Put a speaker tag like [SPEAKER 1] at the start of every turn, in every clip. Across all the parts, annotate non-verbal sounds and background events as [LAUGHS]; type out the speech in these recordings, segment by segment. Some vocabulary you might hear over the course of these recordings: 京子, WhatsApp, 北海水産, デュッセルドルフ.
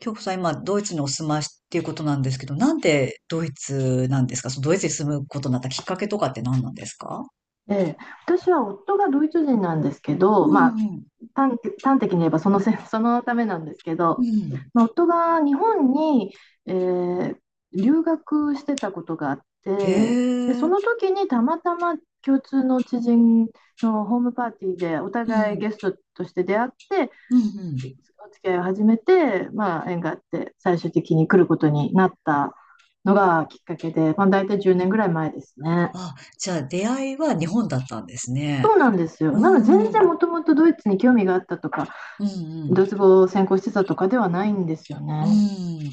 [SPEAKER 1] 京子さん、今、ドイツにお住まいっていうことなんですけど、なんでドイツなんですか？そのドイツに住むことになったきっかけとかって何なんですか？
[SPEAKER 2] ええ、私は夫がドイツ人なんですけ
[SPEAKER 1] う
[SPEAKER 2] ど、ま
[SPEAKER 1] ん
[SPEAKER 2] あ、
[SPEAKER 1] うん。
[SPEAKER 2] 端端的に言えばそのせ [LAUGHS] そのためなんですけ
[SPEAKER 1] う
[SPEAKER 2] ど、
[SPEAKER 1] ん。
[SPEAKER 2] まあ、夫が日本に、えー留学してたことがあっ
[SPEAKER 1] へ
[SPEAKER 2] て、でその
[SPEAKER 1] え。
[SPEAKER 2] 時にたまたま共通の知人のホームパーティーでお
[SPEAKER 1] う
[SPEAKER 2] 互い
[SPEAKER 1] ん。
[SPEAKER 2] ゲストとして出会って、
[SPEAKER 1] うんうん。
[SPEAKER 2] お付き合いを始めて、まあ、縁があって最終的に来ることになったのがきっかけで、まあ、大体10年ぐらい前ですね。
[SPEAKER 1] あ、じゃあ出会いは日本だったんですね。
[SPEAKER 2] そうなんです
[SPEAKER 1] う
[SPEAKER 2] よ。なので
[SPEAKER 1] ん。
[SPEAKER 2] 全
[SPEAKER 1] うん
[SPEAKER 2] 然もともとドイツに興味があったとか、
[SPEAKER 1] うん。
[SPEAKER 2] ドイツ語を専攻してたとかではないんですよ
[SPEAKER 1] う
[SPEAKER 2] ね。
[SPEAKER 1] ん。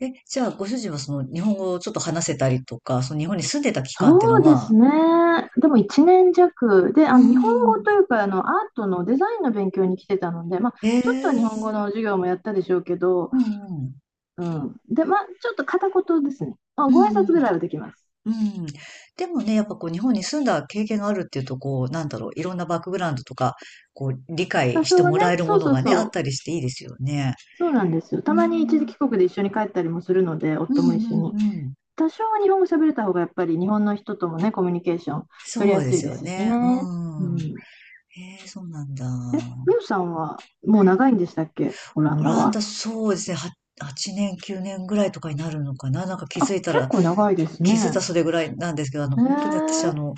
[SPEAKER 1] え、じゃあご主人はその日本語をちょっと話せたりとか、その日本に住んでた期間っていう
[SPEAKER 2] そ
[SPEAKER 1] のは、
[SPEAKER 2] うで
[SPEAKER 1] ま
[SPEAKER 2] す
[SPEAKER 1] あ、
[SPEAKER 2] ね。でも1年弱で、
[SPEAKER 1] う
[SPEAKER 2] あの日本語
[SPEAKER 1] ん。
[SPEAKER 2] というかあのアートのデザインの勉強に来てたので、まあ、
[SPEAKER 1] へ
[SPEAKER 2] ちょっと日
[SPEAKER 1] え。
[SPEAKER 2] 本語の授業もやったでしょうけど、
[SPEAKER 1] うんうん。
[SPEAKER 2] うん、で、まあ、ちょっと片言ですね。まあ、
[SPEAKER 1] う
[SPEAKER 2] ご挨
[SPEAKER 1] ん
[SPEAKER 2] 拶
[SPEAKER 1] う
[SPEAKER 2] ぐ
[SPEAKER 1] ん。
[SPEAKER 2] らいはできます。
[SPEAKER 1] うん。でもね、やっぱこう日本に住んだ経験があるっていうと、こう、なんだろう、いろんなバックグラウンドとか、こう、理
[SPEAKER 2] 多
[SPEAKER 1] 解し
[SPEAKER 2] 少
[SPEAKER 1] て
[SPEAKER 2] は
[SPEAKER 1] も
[SPEAKER 2] ね、
[SPEAKER 1] らえる
[SPEAKER 2] そ
[SPEAKER 1] も
[SPEAKER 2] う
[SPEAKER 1] の
[SPEAKER 2] そう
[SPEAKER 1] がね、あっ
[SPEAKER 2] そ
[SPEAKER 1] たりしていいですよね。
[SPEAKER 2] う、そうなんですよ。
[SPEAKER 1] う
[SPEAKER 2] た
[SPEAKER 1] ー
[SPEAKER 2] まに一時
[SPEAKER 1] ん。
[SPEAKER 2] 帰国で一緒に帰ったりもするので、
[SPEAKER 1] う
[SPEAKER 2] 夫
[SPEAKER 1] ん
[SPEAKER 2] も一緒
[SPEAKER 1] うんう
[SPEAKER 2] に。
[SPEAKER 1] ん。
[SPEAKER 2] 多少は日本語喋れた方がやっぱり日本の人ともね、コミュニケーション取り
[SPEAKER 1] そ
[SPEAKER 2] や
[SPEAKER 1] うで
[SPEAKER 2] すい
[SPEAKER 1] す
[SPEAKER 2] で
[SPEAKER 1] よ
[SPEAKER 2] すし
[SPEAKER 1] ね。
[SPEAKER 2] ね。う
[SPEAKER 1] うん。
[SPEAKER 2] ん。
[SPEAKER 1] へえ、そうなんだ。
[SPEAKER 2] ミオさんはもう長いんでしたっけ、オラン
[SPEAKER 1] オ
[SPEAKER 2] ダ
[SPEAKER 1] ランダ、
[SPEAKER 2] は。
[SPEAKER 1] そうですね。は8年、9年ぐらいとかになるのかな。なんか気
[SPEAKER 2] あ、
[SPEAKER 1] づいた
[SPEAKER 2] 結
[SPEAKER 1] ら、
[SPEAKER 2] 構長いですね。
[SPEAKER 1] それぐらいなんですけど、
[SPEAKER 2] へ
[SPEAKER 1] 本当に私、
[SPEAKER 2] え。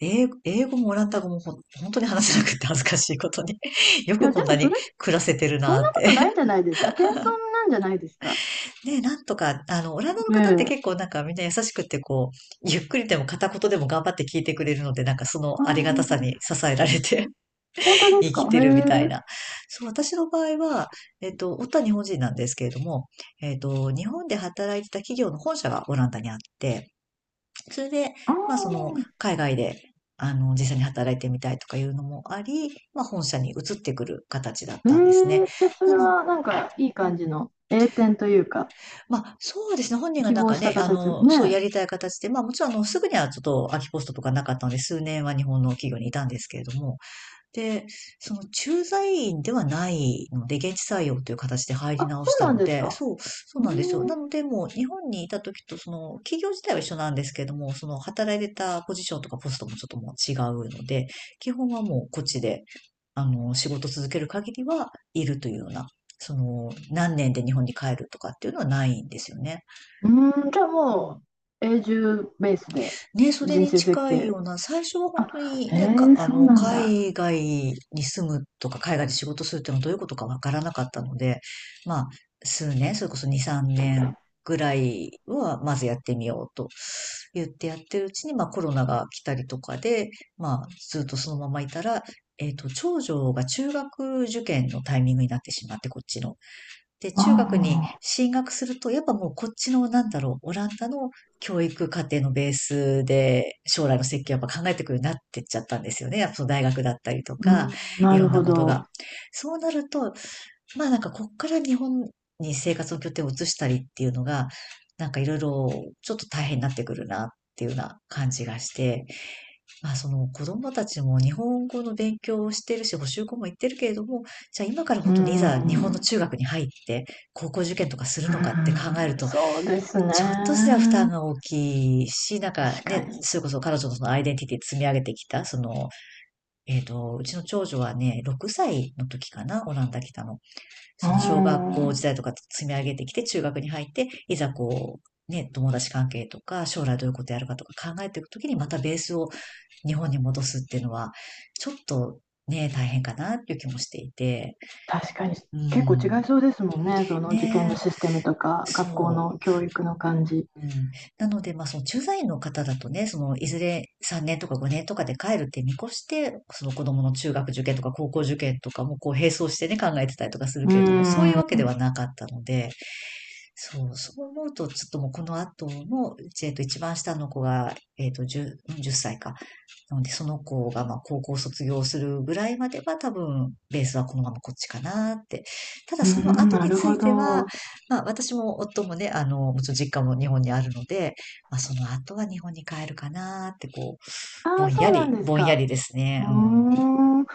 [SPEAKER 1] 英語もオランダ語もほん、本当に話せなくて恥ずかしいことに [LAUGHS]。よ
[SPEAKER 2] い
[SPEAKER 1] く
[SPEAKER 2] や、
[SPEAKER 1] こ
[SPEAKER 2] で
[SPEAKER 1] ん
[SPEAKER 2] も
[SPEAKER 1] な
[SPEAKER 2] そ
[SPEAKER 1] に
[SPEAKER 2] れ、
[SPEAKER 1] 暮らせてる
[SPEAKER 2] そ
[SPEAKER 1] な
[SPEAKER 2] んな
[SPEAKER 1] っ
[SPEAKER 2] ことない
[SPEAKER 1] て。
[SPEAKER 2] んじゃないですか。謙遜なんじゃないですか。
[SPEAKER 1] ね、なんとか、オランダの
[SPEAKER 2] ね
[SPEAKER 1] 方って
[SPEAKER 2] え。
[SPEAKER 1] 結構なんかみんな優しくて、こう、ゆっくりでも片言でも頑張って聞いてくれるので、なんかその
[SPEAKER 2] あ
[SPEAKER 1] ありがたさ
[SPEAKER 2] ー
[SPEAKER 1] に支えられて
[SPEAKER 2] 本
[SPEAKER 1] [LAUGHS]
[SPEAKER 2] 当です
[SPEAKER 1] 生
[SPEAKER 2] か？
[SPEAKER 1] き
[SPEAKER 2] へ
[SPEAKER 1] てる
[SPEAKER 2] え。
[SPEAKER 1] みたいな。そう、私の場合は、夫は日本人なんですけれども、日本で働いてた企業の本社がオランダにあって、それで、
[SPEAKER 2] ああ。
[SPEAKER 1] まあその、海外で、実際に働いてみたいとかいうのもあり、まあ本社に移ってくる形だっ
[SPEAKER 2] へえ。
[SPEAKER 1] たんですね。
[SPEAKER 2] じゃあそ
[SPEAKER 1] な
[SPEAKER 2] れ
[SPEAKER 1] の、
[SPEAKER 2] は
[SPEAKER 1] う
[SPEAKER 2] なんかいい感
[SPEAKER 1] ん、
[SPEAKER 2] じの栄転というか、
[SPEAKER 1] まあ、そうですね。本人が
[SPEAKER 2] 希
[SPEAKER 1] なん
[SPEAKER 2] 望
[SPEAKER 1] か
[SPEAKER 2] した
[SPEAKER 1] ね、
[SPEAKER 2] 形
[SPEAKER 1] そうや
[SPEAKER 2] ね。
[SPEAKER 1] りたい形で、ま、もちろんあの、すぐにはちょっと空きポストとかなかったので、数年は日本の企業にいたんですけれども、で、その駐在員ではないので、現地採用という形で入り
[SPEAKER 2] あ、
[SPEAKER 1] 直し
[SPEAKER 2] そう
[SPEAKER 1] た
[SPEAKER 2] なん
[SPEAKER 1] の
[SPEAKER 2] です
[SPEAKER 1] で、
[SPEAKER 2] か？
[SPEAKER 1] そうな
[SPEAKER 2] う
[SPEAKER 1] んですよ。な
[SPEAKER 2] ん。
[SPEAKER 1] ので、もう日本にいた時と、その企業自体は一緒なんですけども、その働いてたポジションとかポストもちょっともう違うので、基本はもうこっちで、仕事続ける限りはいるというような、その、何年で日本に帰るとかっていうのはないんですよね。
[SPEAKER 2] うーん、じゃあ
[SPEAKER 1] う
[SPEAKER 2] も
[SPEAKER 1] ん、
[SPEAKER 2] う永住ベースで
[SPEAKER 1] ね、それ
[SPEAKER 2] 人
[SPEAKER 1] に
[SPEAKER 2] 生設
[SPEAKER 1] 近い
[SPEAKER 2] 計。
[SPEAKER 1] ような、最初は本
[SPEAKER 2] あ、
[SPEAKER 1] 当に
[SPEAKER 2] へ
[SPEAKER 1] ね、か、
[SPEAKER 2] え、そうなんだ。
[SPEAKER 1] 海外に住むとか、海外で仕事するっていうのはどういうことかわからなかったので、まあ、数年、それこそ2、3年ぐらいは、まずやってみようと言ってやってるうちに、まあ、コロナが来たりとかで、まあ、ずっとそのままいたら、長女が中学受験のタイミングになってしまって、こっちの。で、
[SPEAKER 2] あ
[SPEAKER 1] 中学に
[SPEAKER 2] あ、
[SPEAKER 1] 進学すると、やっぱもうこっちの、なんだろう、オランダの教育課程のベースで、将来の設計をやっぱ考えてくるようになってっちゃったんですよね。やっぱその大学だったりと
[SPEAKER 2] う
[SPEAKER 1] か、
[SPEAKER 2] ん、
[SPEAKER 1] い
[SPEAKER 2] な
[SPEAKER 1] ろ
[SPEAKER 2] る
[SPEAKER 1] ん
[SPEAKER 2] ほ
[SPEAKER 1] なことが。
[SPEAKER 2] ど。
[SPEAKER 1] そうなると、まあなんかこっから日本に生活の拠点を移したりっていうのが、なんかいろいろちょっと大変になってくるなっていうような感じがして、まあ、その子供たちも日本語の勉強をしてるし、補習校も行ってるけれども、じゃあ今から
[SPEAKER 2] う
[SPEAKER 1] 本当
[SPEAKER 2] ん、
[SPEAKER 1] にいざ
[SPEAKER 2] う
[SPEAKER 1] 日本の
[SPEAKER 2] ん、
[SPEAKER 1] 中学に入って高校受験とかするのかって考えると、
[SPEAKER 2] そうです
[SPEAKER 1] ちょっとすら
[SPEAKER 2] ね。
[SPEAKER 1] 負担が大きいし、なんか
[SPEAKER 2] 確か
[SPEAKER 1] ね、
[SPEAKER 2] に。
[SPEAKER 1] それこそ彼女のそのアイデンティティ積み上げてきた、その、うちの長女はね、6歳の時かな、オランダ来たの。
[SPEAKER 2] う
[SPEAKER 1] その小学校時
[SPEAKER 2] ん、
[SPEAKER 1] 代とか積み上げてきて、中学に入って、いざこう、ね、友達関係とか、将来どういうことやるかとか考えていくときに、またベースを日本に戻すっていうのは、ちょっとね、大変かなっていう気もしていて、
[SPEAKER 2] 確かに。
[SPEAKER 1] う
[SPEAKER 2] 結構違い
[SPEAKER 1] ん、
[SPEAKER 2] そうですもんね。その受験の
[SPEAKER 1] ね、
[SPEAKER 2] システムとか、
[SPEAKER 1] そ
[SPEAKER 2] 学校
[SPEAKER 1] う。
[SPEAKER 2] の教育の感じ。
[SPEAKER 1] うん、なので、まあ、その駐在員の方だとね、その、いずれ3年とか5年とかで帰るって見越して、その子供の中学受験とか高校受験とかもこう並走してね、考えてたりとかする
[SPEAKER 2] う
[SPEAKER 1] けれども、そういう
[SPEAKER 2] ん、
[SPEAKER 1] わけではなかったので、そう思うと、ちょっともうこの後の、一番下の子が、10歳か。なので、その子が、まあ、高校卒業するぐらいまでは、多分、ベースはこのままこっちかなって。ただ、
[SPEAKER 2] う
[SPEAKER 1] その
[SPEAKER 2] ん、
[SPEAKER 1] 後
[SPEAKER 2] な
[SPEAKER 1] に
[SPEAKER 2] る
[SPEAKER 1] つ
[SPEAKER 2] ほ
[SPEAKER 1] いては、
[SPEAKER 2] ど。
[SPEAKER 1] まあ、私も夫もね、もちろん実家も日本にあるので、まあ、その後は日本に帰るかなって、こう、
[SPEAKER 2] ああ、そうなんです
[SPEAKER 1] ぼんや
[SPEAKER 2] か？
[SPEAKER 1] りです
[SPEAKER 2] う
[SPEAKER 1] ね。
[SPEAKER 2] ー
[SPEAKER 1] うん。
[SPEAKER 2] ん、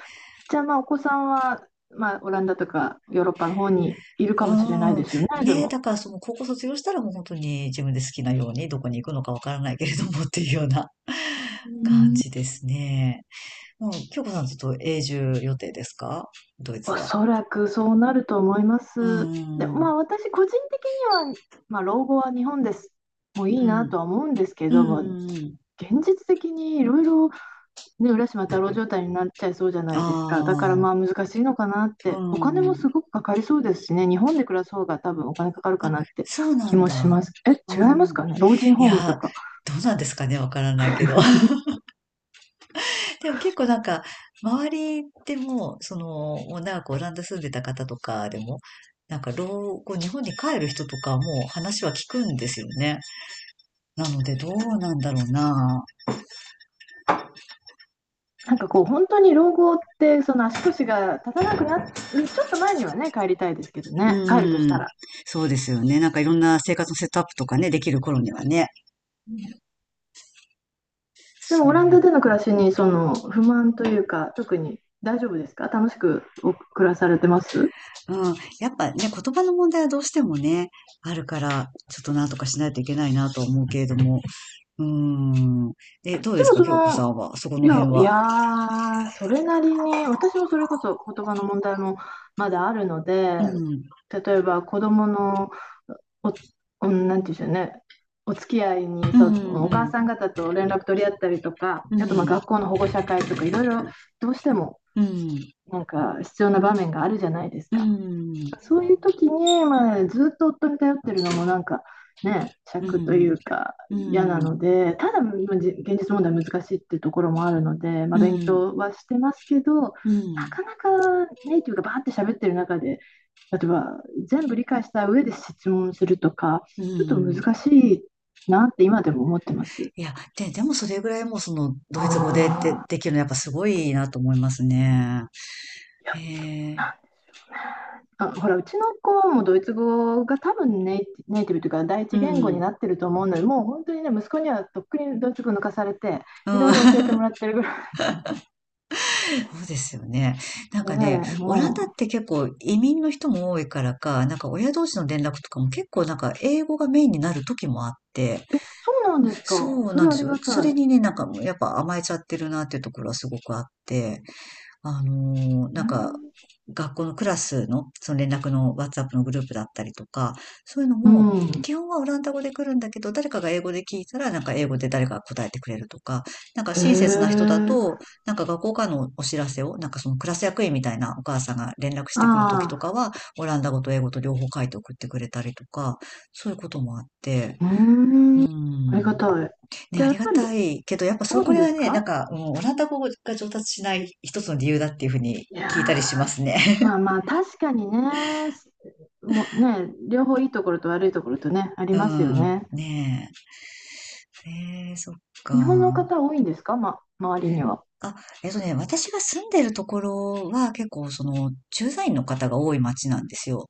[SPEAKER 2] じゃあ、まあ、お子さんは、まあ、オランダとかヨーロッパの方にいる
[SPEAKER 1] う
[SPEAKER 2] かもしれない
[SPEAKER 1] ん。
[SPEAKER 2] ですよね、で
[SPEAKER 1] ね、
[SPEAKER 2] も。
[SPEAKER 1] だからその高校卒業したらもう本当に自分で好きなようにどこに行くのかわからないけれどもっていうような [LAUGHS] 感じですね。もう、京子さんずっと永住予定ですか？ドイツ
[SPEAKER 2] お
[SPEAKER 1] は。
[SPEAKER 2] そらくそうなると思いま
[SPEAKER 1] う
[SPEAKER 2] す。で、ま
[SPEAKER 1] ん。
[SPEAKER 2] あ、私、個人的には、まあ、老後は日本です。もういい
[SPEAKER 1] う
[SPEAKER 2] なと
[SPEAKER 1] ん。
[SPEAKER 2] は思うんですけ
[SPEAKER 1] う
[SPEAKER 2] ど
[SPEAKER 1] ん。
[SPEAKER 2] も、
[SPEAKER 1] うん、
[SPEAKER 2] 現実的にいろいろ、ね、浦島太郎状態になっちゃいそうじゃないですか。だから、
[SPEAKER 1] あ
[SPEAKER 2] まあ、難しいのかなっ
[SPEAKER 1] あ、
[SPEAKER 2] て、お
[SPEAKER 1] う
[SPEAKER 2] 金も
[SPEAKER 1] ん。
[SPEAKER 2] すごくかかりそうですしね、日本で暮らす方が多分お金かかるか
[SPEAKER 1] あ、
[SPEAKER 2] なって
[SPEAKER 1] そうな
[SPEAKER 2] 気
[SPEAKER 1] ん
[SPEAKER 2] もし
[SPEAKER 1] だ。
[SPEAKER 2] ます。え、
[SPEAKER 1] う
[SPEAKER 2] 違います
[SPEAKER 1] ん。
[SPEAKER 2] かね、老人
[SPEAKER 1] い
[SPEAKER 2] ホームと
[SPEAKER 1] やー、
[SPEAKER 2] か。
[SPEAKER 1] どうなんですかね、わからないけど。でも結構なんか、周りでも、その、もう長くオランダ住んでた方とかでも、なんか老後、日本に帰る人とかも話は聞くんですよね。なので、どうなんだろうな。
[SPEAKER 2] なんかこう、本当に老後って、その足腰が立たなくなる、ちょっと前にはね、帰りたいですけど
[SPEAKER 1] う
[SPEAKER 2] ね、帰るとした
[SPEAKER 1] ん。
[SPEAKER 2] ら。
[SPEAKER 1] そうですよね。なんかいろんな生活のセットアップとかね、できる頃にはね。
[SPEAKER 2] うん。でも、
[SPEAKER 1] そ
[SPEAKER 2] オランダ
[SPEAKER 1] う。
[SPEAKER 2] での暮らしに、その不満というか、特に大丈夫ですか？楽しくお暮らされてます？
[SPEAKER 1] うん。やっぱね、言葉の問題はどうしてもね、あるから、ちょっとなんとかしないといけないなとは思うけれども。うん。え、どうで
[SPEAKER 2] で
[SPEAKER 1] す
[SPEAKER 2] も、
[SPEAKER 1] か、
[SPEAKER 2] そ
[SPEAKER 1] 京子さ
[SPEAKER 2] の、
[SPEAKER 1] んは、そこ
[SPEAKER 2] い
[SPEAKER 1] の辺
[SPEAKER 2] や、い
[SPEAKER 1] は。
[SPEAKER 2] やーそれなりに、私もそれこそ言葉の問題もまだあるので、
[SPEAKER 1] うん。
[SPEAKER 2] 例えば子供のお、うん、なんていうんでしょうね。お付き合いに、
[SPEAKER 1] う
[SPEAKER 2] そう、
[SPEAKER 1] ん、
[SPEAKER 2] お
[SPEAKER 1] う
[SPEAKER 2] 母
[SPEAKER 1] ん。
[SPEAKER 2] さん方と連絡取り合ったりとか、
[SPEAKER 1] う
[SPEAKER 2] あとまあ
[SPEAKER 1] ん、
[SPEAKER 2] 学校の保護者会とかいろいろどうしても
[SPEAKER 1] うん、
[SPEAKER 2] なんか必要な場面があるじゃないです
[SPEAKER 1] う
[SPEAKER 2] か。
[SPEAKER 1] ん、
[SPEAKER 2] そういう時に、まあ、ずっと夫に頼ってるのもなんかね、
[SPEAKER 1] う
[SPEAKER 2] 尺とい
[SPEAKER 1] ん、
[SPEAKER 2] うか
[SPEAKER 1] うん、
[SPEAKER 2] 嫌
[SPEAKER 1] う
[SPEAKER 2] な
[SPEAKER 1] ん、
[SPEAKER 2] ので、ただ、まあじ現実問題難しいっていうところもあるので、まあ、
[SPEAKER 1] う
[SPEAKER 2] 勉強はしてますけど、
[SPEAKER 1] ん、
[SPEAKER 2] なかなかネイティブがバーって喋ってる中で、例えば全部理解した上で質問するとか、
[SPEAKER 1] う
[SPEAKER 2] ちょっと
[SPEAKER 1] ん。
[SPEAKER 2] 難しいなって今でも思ってます。
[SPEAKER 1] いや、で、でもそれぐらいもうそのド
[SPEAKER 2] あ
[SPEAKER 1] イツ語でで、
[SPEAKER 2] あ、
[SPEAKER 1] できるのやっぱすごいなと思いますね。
[SPEAKER 2] いや、
[SPEAKER 1] へ
[SPEAKER 2] どう
[SPEAKER 1] え、
[SPEAKER 2] なんあ、ほら、うちの子もドイツ語が多分ネイティブというか第
[SPEAKER 1] う
[SPEAKER 2] 一
[SPEAKER 1] ん、う
[SPEAKER 2] 言語に
[SPEAKER 1] ん。
[SPEAKER 2] なってると思うので、もう本当にね、息子にはとっくにドイツ語抜かされて、いろいろ教えても
[SPEAKER 1] [LAUGHS]
[SPEAKER 2] らってるぐらい。
[SPEAKER 1] そうですよね。なん
[SPEAKER 2] ええ、
[SPEAKER 1] かね、オラン
[SPEAKER 2] も
[SPEAKER 1] ダっ
[SPEAKER 2] う、
[SPEAKER 1] て結構移民の人も多いからか、なんか親同士の連絡とかも結構なんか英語がメインになる時もあって、
[SPEAKER 2] そうなんですか？
[SPEAKER 1] そう
[SPEAKER 2] そ
[SPEAKER 1] なん
[SPEAKER 2] れ
[SPEAKER 1] で
[SPEAKER 2] あ
[SPEAKER 1] す
[SPEAKER 2] り
[SPEAKER 1] よ。
[SPEAKER 2] が
[SPEAKER 1] そ
[SPEAKER 2] た
[SPEAKER 1] れ
[SPEAKER 2] い。
[SPEAKER 1] にね、なんかもうやっぱ甘えちゃってるなっていうところはすごくあって、あのー
[SPEAKER 2] へ
[SPEAKER 1] なんか、
[SPEAKER 2] え。
[SPEAKER 1] 学校のクラスの、その連絡の WhatsApp のグループだったりとか、そういうの
[SPEAKER 2] う
[SPEAKER 1] も、
[SPEAKER 2] ん。
[SPEAKER 1] 基本はオランダ語で来るんだけど、誰かが英語で聞いたら、なんか英語で誰かが答えてくれるとか、なんか
[SPEAKER 2] へ
[SPEAKER 1] 親切な人だ
[SPEAKER 2] え。
[SPEAKER 1] と、なんか学校からのお知らせを、なんかそのクラス役員みたいなお母さんが連絡してくる時
[SPEAKER 2] あ
[SPEAKER 1] とか
[SPEAKER 2] あ、
[SPEAKER 1] は、オランダ語と英語と両方書いて送ってくれたりとか、そういうこともあって、
[SPEAKER 2] う
[SPEAKER 1] う
[SPEAKER 2] ーん。ありが
[SPEAKER 1] ん。
[SPEAKER 2] たい。
[SPEAKER 1] ね、
[SPEAKER 2] じゃ
[SPEAKER 1] あ
[SPEAKER 2] あ、や
[SPEAKER 1] り
[SPEAKER 2] っ
[SPEAKER 1] が
[SPEAKER 2] ぱり
[SPEAKER 1] たいけど、やっぱそ
[SPEAKER 2] 多い
[SPEAKER 1] こ
[SPEAKER 2] ん
[SPEAKER 1] れ
[SPEAKER 2] で
[SPEAKER 1] は
[SPEAKER 2] す
[SPEAKER 1] ね、なん
[SPEAKER 2] か？
[SPEAKER 1] か、うん、オランダ語が上達しない一つの理由だっていうふうに
[SPEAKER 2] い
[SPEAKER 1] 聞いたり
[SPEAKER 2] や
[SPEAKER 1] しますね。
[SPEAKER 2] ーまあ
[SPEAKER 1] [LAUGHS]
[SPEAKER 2] まあ、確かにね、もうね、両方いいところと悪いところとね、あり
[SPEAKER 1] う
[SPEAKER 2] ますよ
[SPEAKER 1] ん。
[SPEAKER 2] ね。
[SPEAKER 1] ねえ。えー、そっ
[SPEAKER 2] 日本の
[SPEAKER 1] か。
[SPEAKER 2] 方多いんですか、ま、周りには。
[SPEAKER 1] あ、私が住んでるところは結構その駐在員の方が多い町なんですよ。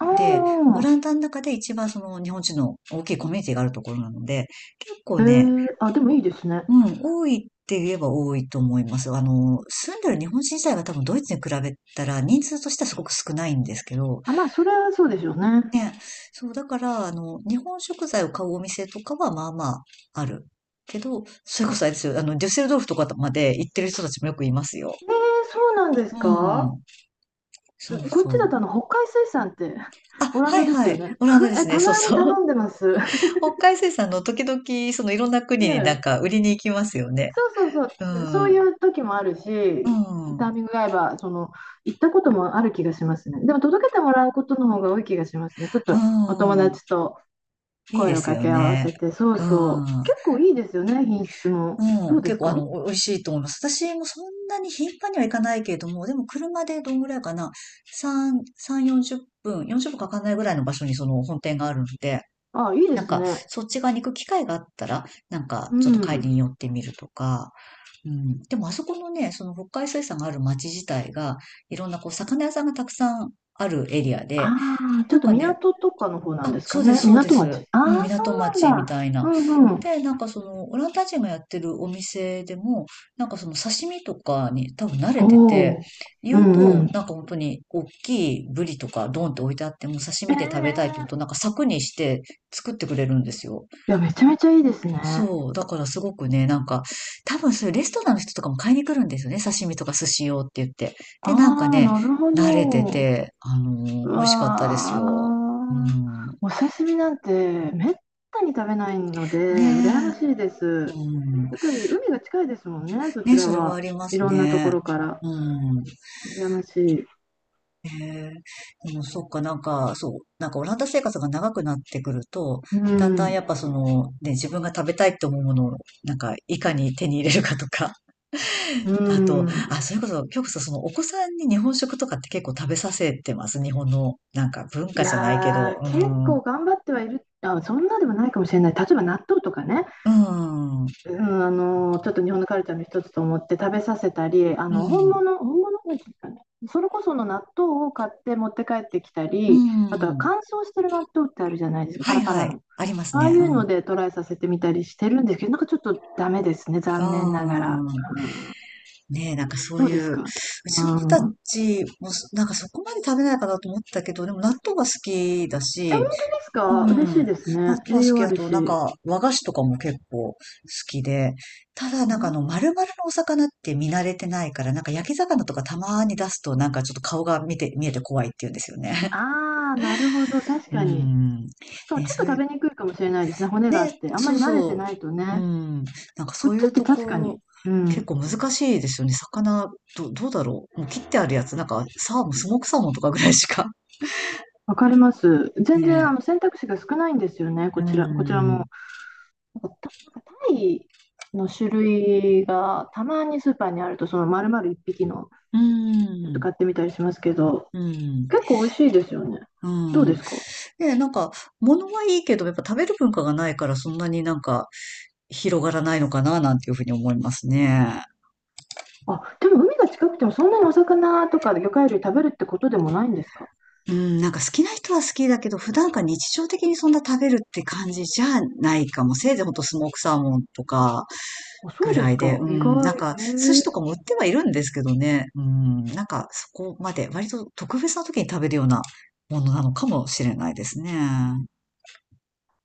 [SPEAKER 2] あ
[SPEAKER 1] で、オ
[SPEAKER 2] あ、
[SPEAKER 1] ランダの中で一番その日本人の大きいコミュニティがあるところなので、結構
[SPEAKER 2] へ
[SPEAKER 1] ね、
[SPEAKER 2] え、あ、でもい
[SPEAKER 1] お
[SPEAKER 2] いです
[SPEAKER 1] う
[SPEAKER 2] ね。
[SPEAKER 1] ん、多いって言えば多いと思います。あの、住んでる日本人自体が多分ドイツに比べたら人数としてはすごく少ないんですけど、
[SPEAKER 2] あ、まあ、それはそうでしょうね。
[SPEAKER 1] ね。そう、だから、あの、日本食材を買うお店とかはまあまあある。けど、それこそあれで
[SPEAKER 2] あ、
[SPEAKER 1] すよ、あの、デュッセルドルフとかまで行ってる人たちもよくいますよ。
[SPEAKER 2] へえ、そうなんです
[SPEAKER 1] う
[SPEAKER 2] か？
[SPEAKER 1] ん、
[SPEAKER 2] え
[SPEAKER 1] そう
[SPEAKER 2] こっちだ
[SPEAKER 1] そ
[SPEAKER 2] と
[SPEAKER 1] う。
[SPEAKER 2] あの北海水産って
[SPEAKER 1] あ、
[SPEAKER 2] [LAUGHS] オラン
[SPEAKER 1] は
[SPEAKER 2] ダ
[SPEAKER 1] い
[SPEAKER 2] です
[SPEAKER 1] は
[SPEAKER 2] よ
[SPEAKER 1] い。
[SPEAKER 2] ね。
[SPEAKER 1] オランダ
[SPEAKER 2] [LAUGHS]
[SPEAKER 1] で
[SPEAKER 2] え、
[SPEAKER 1] すね。
[SPEAKER 2] た
[SPEAKER 1] そう
[SPEAKER 2] まに
[SPEAKER 1] そう。
[SPEAKER 2] 頼んでます。
[SPEAKER 1] [LAUGHS] 北海水産の時々、そのいろんな
[SPEAKER 2] [LAUGHS] え
[SPEAKER 1] 国になん
[SPEAKER 2] え、
[SPEAKER 1] か売りに行きますよね。
[SPEAKER 2] そうそう
[SPEAKER 1] う
[SPEAKER 2] そう、そうい
[SPEAKER 1] ん。
[SPEAKER 2] う時もある
[SPEAKER 1] う
[SPEAKER 2] し、
[SPEAKER 1] ん。う
[SPEAKER 2] タイミングが合えば、その、行ったこともある気がしますね。でも届けてもらうことの方が多い気がしますね。ちょっとお友達
[SPEAKER 1] ん。
[SPEAKER 2] と。
[SPEAKER 1] いい
[SPEAKER 2] 声
[SPEAKER 1] で
[SPEAKER 2] を
[SPEAKER 1] す
[SPEAKER 2] 掛
[SPEAKER 1] よ
[SPEAKER 2] け合わ
[SPEAKER 1] ね。
[SPEAKER 2] せて、そう
[SPEAKER 1] う
[SPEAKER 2] そう。
[SPEAKER 1] ん。
[SPEAKER 2] 結構いいですよね、品質も。ど
[SPEAKER 1] う
[SPEAKER 2] う
[SPEAKER 1] ん。
[SPEAKER 2] で
[SPEAKER 1] 結
[SPEAKER 2] す
[SPEAKER 1] 構、あ
[SPEAKER 2] か？
[SPEAKER 1] の、お美味しいと思います。私もそんなに頻繁にはいかないけれども、でも車でどんぐらいかな。3、3、40分、40分かかんないぐらいの場所にその本店があるので、
[SPEAKER 2] あ、いいで
[SPEAKER 1] なん
[SPEAKER 2] す
[SPEAKER 1] か、
[SPEAKER 2] ね。
[SPEAKER 1] そっち側に行く機会があったら、なんか、
[SPEAKER 2] う
[SPEAKER 1] ちょっと帰り
[SPEAKER 2] ん。
[SPEAKER 1] に寄ってみるとか。うん。でも、あそこのね、その北海水産がある町自体が、いろんなこう、魚屋さんがたくさんあるエリアで、
[SPEAKER 2] ああ、ちょ
[SPEAKER 1] な
[SPEAKER 2] っ
[SPEAKER 1] ん
[SPEAKER 2] と
[SPEAKER 1] かね、
[SPEAKER 2] 港とかの方なん
[SPEAKER 1] あ、
[SPEAKER 2] です
[SPEAKER 1] そ
[SPEAKER 2] か
[SPEAKER 1] うで
[SPEAKER 2] ね。
[SPEAKER 1] す、そうで
[SPEAKER 2] 港
[SPEAKER 1] す。
[SPEAKER 2] 町。
[SPEAKER 1] うん、
[SPEAKER 2] ああ、そ
[SPEAKER 1] 港
[SPEAKER 2] うな
[SPEAKER 1] 町み
[SPEAKER 2] んだ。
[SPEAKER 1] たい
[SPEAKER 2] う
[SPEAKER 1] な。
[SPEAKER 2] んうん。
[SPEAKER 1] で、なんかその、オランダ人がやってるお店でも、なんかその刺身とかに多分慣れて
[SPEAKER 2] お
[SPEAKER 1] て、
[SPEAKER 2] お。う
[SPEAKER 1] 言う
[SPEAKER 2] んう
[SPEAKER 1] と、
[SPEAKER 2] ん。
[SPEAKER 1] なんか本当に大きいブリとかドンって置いてあっても刺
[SPEAKER 2] え
[SPEAKER 1] 身で食べたいって言
[SPEAKER 2] え。
[SPEAKER 1] うと、なんか柵にして作ってくれるんですよ。
[SPEAKER 2] いや、めちゃめちゃいいですね。
[SPEAKER 1] そう。だからすごくね、なんか、多分そういうレストランの人とかも買いに来るんですよね。刺身とか寿司用って言って。
[SPEAKER 2] あ
[SPEAKER 1] で、なんか
[SPEAKER 2] あ、
[SPEAKER 1] ね、
[SPEAKER 2] なるほ
[SPEAKER 1] 慣れて
[SPEAKER 2] ど。
[SPEAKER 1] て、
[SPEAKER 2] う
[SPEAKER 1] 美味しかったですよ。
[SPEAKER 2] わ
[SPEAKER 1] う
[SPEAKER 2] ー、
[SPEAKER 1] ん。
[SPEAKER 2] お刺身なんてめったに食べないので、羨ま
[SPEAKER 1] ね
[SPEAKER 2] しいで
[SPEAKER 1] え。
[SPEAKER 2] す。
[SPEAKER 1] うん。
[SPEAKER 2] やっぱり海が近いですもんね、そち
[SPEAKER 1] ね、
[SPEAKER 2] ら
[SPEAKER 1] それはあ
[SPEAKER 2] は。
[SPEAKER 1] りま
[SPEAKER 2] い
[SPEAKER 1] す
[SPEAKER 2] ろんなとこ
[SPEAKER 1] ね。
[SPEAKER 2] ろから。
[SPEAKER 1] うん。
[SPEAKER 2] 羨ましい。
[SPEAKER 1] へえ。でも、そっか、なんか、そう、なんかオランダ生活が長くなってくると、
[SPEAKER 2] う
[SPEAKER 1] だんだんや
[SPEAKER 2] ん、
[SPEAKER 1] っぱその、ね、自分が食べたいと思うものを、なんか、いかに手に入れるかとか、
[SPEAKER 2] う
[SPEAKER 1] あと、
[SPEAKER 2] ん。
[SPEAKER 1] あ、それこそ、今日こそその、お子さんに日本食とかって結構食べさせてます？日本の、なんか、文
[SPEAKER 2] い
[SPEAKER 1] 化じゃないけ
[SPEAKER 2] や
[SPEAKER 1] ど、
[SPEAKER 2] ー、
[SPEAKER 1] う
[SPEAKER 2] 結
[SPEAKER 1] ん、う
[SPEAKER 2] 構頑張ってはいる。あ、そんなでもないかもしれない。例えば納豆とかね。
[SPEAKER 1] ん、
[SPEAKER 2] うん、あの、ちょっと日本のカルチャーの一つと思って食べさせたり、あ
[SPEAKER 1] う
[SPEAKER 2] の、本
[SPEAKER 1] ん、
[SPEAKER 2] 物、本物なんていうかね、それこその納豆を買って持って帰ってきた
[SPEAKER 1] う
[SPEAKER 2] り、あとは
[SPEAKER 1] ん。
[SPEAKER 2] 乾燥してる納豆ってあるじゃないですか、
[SPEAKER 1] は
[SPEAKER 2] パラ
[SPEAKER 1] い
[SPEAKER 2] パ
[SPEAKER 1] は
[SPEAKER 2] ラ
[SPEAKER 1] い。
[SPEAKER 2] の。
[SPEAKER 1] あります
[SPEAKER 2] ああ
[SPEAKER 1] ね。
[SPEAKER 2] い
[SPEAKER 1] う
[SPEAKER 2] うの
[SPEAKER 1] ん。
[SPEAKER 2] でトライさせてみたりしてるんですけど、なんかちょっとダメですね、残念ながら。
[SPEAKER 1] うん。
[SPEAKER 2] うん、
[SPEAKER 1] ねえ、なんかそう
[SPEAKER 2] どう
[SPEAKER 1] い
[SPEAKER 2] です
[SPEAKER 1] う、う
[SPEAKER 2] か？
[SPEAKER 1] ち
[SPEAKER 2] う
[SPEAKER 1] の子た
[SPEAKER 2] ん。
[SPEAKER 1] ちもそ、なんかそこまで食べないかなと思ったけど、でも納豆が好きだ
[SPEAKER 2] え、本
[SPEAKER 1] し、
[SPEAKER 2] 当です
[SPEAKER 1] う
[SPEAKER 2] か？
[SPEAKER 1] ん、納
[SPEAKER 2] 嬉しいですね。
[SPEAKER 1] 豆は好
[SPEAKER 2] 栄
[SPEAKER 1] き
[SPEAKER 2] 養あ
[SPEAKER 1] だ
[SPEAKER 2] る
[SPEAKER 1] と、なん
[SPEAKER 2] し。
[SPEAKER 1] か和菓子とかも結構好きで、ただ
[SPEAKER 2] う
[SPEAKER 1] なんかあの
[SPEAKER 2] ん、
[SPEAKER 1] 丸々のお魚って見慣れてないから、なんか焼き魚とかたまに出すとなんかちょっと顔が見えて怖いって言うんですよね。
[SPEAKER 2] ああ、なるほど、確
[SPEAKER 1] [LAUGHS] う
[SPEAKER 2] かに。
[SPEAKER 1] ん。
[SPEAKER 2] しかも
[SPEAKER 1] ね、
[SPEAKER 2] ちょっ
[SPEAKER 1] そ
[SPEAKER 2] と
[SPEAKER 1] うい
[SPEAKER 2] 食
[SPEAKER 1] う
[SPEAKER 2] べにくいかもしれないですね、骨があっ
[SPEAKER 1] ね、
[SPEAKER 2] て。あんま
[SPEAKER 1] そう
[SPEAKER 2] り慣れて
[SPEAKER 1] そ
[SPEAKER 2] ないと
[SPEAKER 1] う。う
[SPEAKER 2] ね。
[SPEAKER 1] ん。なんか
[SPEAKER 2] こ
[SPEAKER 1] そう
[SPEAKER 2] っ
[SPEAKER 1] い
[SPEAKER 2] ち
[SPEAKER 1] う
[SPEAKER 2] って
[SPEAKER 1] と
[SPEAKER 2] 確か
[SPEAKER 1] こ、
[SPEAKER 2] に、う
[SPEAKER 1] 結
[SPEAKER 2] ん、
[SPEAKER 1] 構難しいですよね。魚、どうだろう。もう切ってあるやつ、なんか、サーモン、スモークサーモンとかぐらいしか。
[SPEAKER 2] わかります。
[SPEAKER 1] [LAUGHS]
[SPEAKER 2] 全然あ
[SPEAKER 1] ね。
[SPEAKER 2] の選択肢が少ないんですよね、
[SPEAKER 1] う
[SPEAKER 2] こちら、こちら
[SPEAKER 1] ん。
[SPEAKER 2] も。なんかた、なんかタイの種類がたまにスーパーにあると、その丸々1匹の
[SPEAKER 1] う
[SPEAKER 2] ちょっと
[SPEAKER 1] ん。
[SPEAKER 2] 買ってみたりしますけど、
[SPEAKER 1] うん。
[SPEAKER 2] 結構美味しいですよね。
[SPEAKER 1] う
[SPEAKER 2] どうで
[SPEAKER 1] ん。
[SPEAKER 2] すか？
[SPEAKER 1] ね、なんか、物はいいけど、やっぱ食べる文化がないから、そんなになんか、広がらないのかな、なんていうふうに思いますね。
[SPEAKER 2] あ、でも海が近くてもそんなにお魚とか魚介類食べるってことでもないんですか？
[SPEAKER 1] うん、なんか好きな人は好きだけど、普段から日常的にそんな食べるって感じじゃないかも。せいぜいほんとスモークサーモンとか、
[SPEAKER 2] あ、そ
[SPEAKER 1] ぐ
[SPEAKER 2] うで
[SPEAKER 1] ら
[SPEAKER 2] す
[SPEAKER 1] いで、
[SPEAKER 2] か。
[SPEAKER 1] う
[SPEAKER 2] 意
[SPEAKER 1] ん、
[SPEAKER 2] 外。
[SPEAKER 1] なん
[SPEAKER 2] へ
[SPEAKER 1] か、寿司と
[SPEAKER 2] え。
[SPEAKER 1] かも売ってはいるんですけどね、うん、なんか、そこまで、割と特別な時に食べるようなものなのかもしれないですね。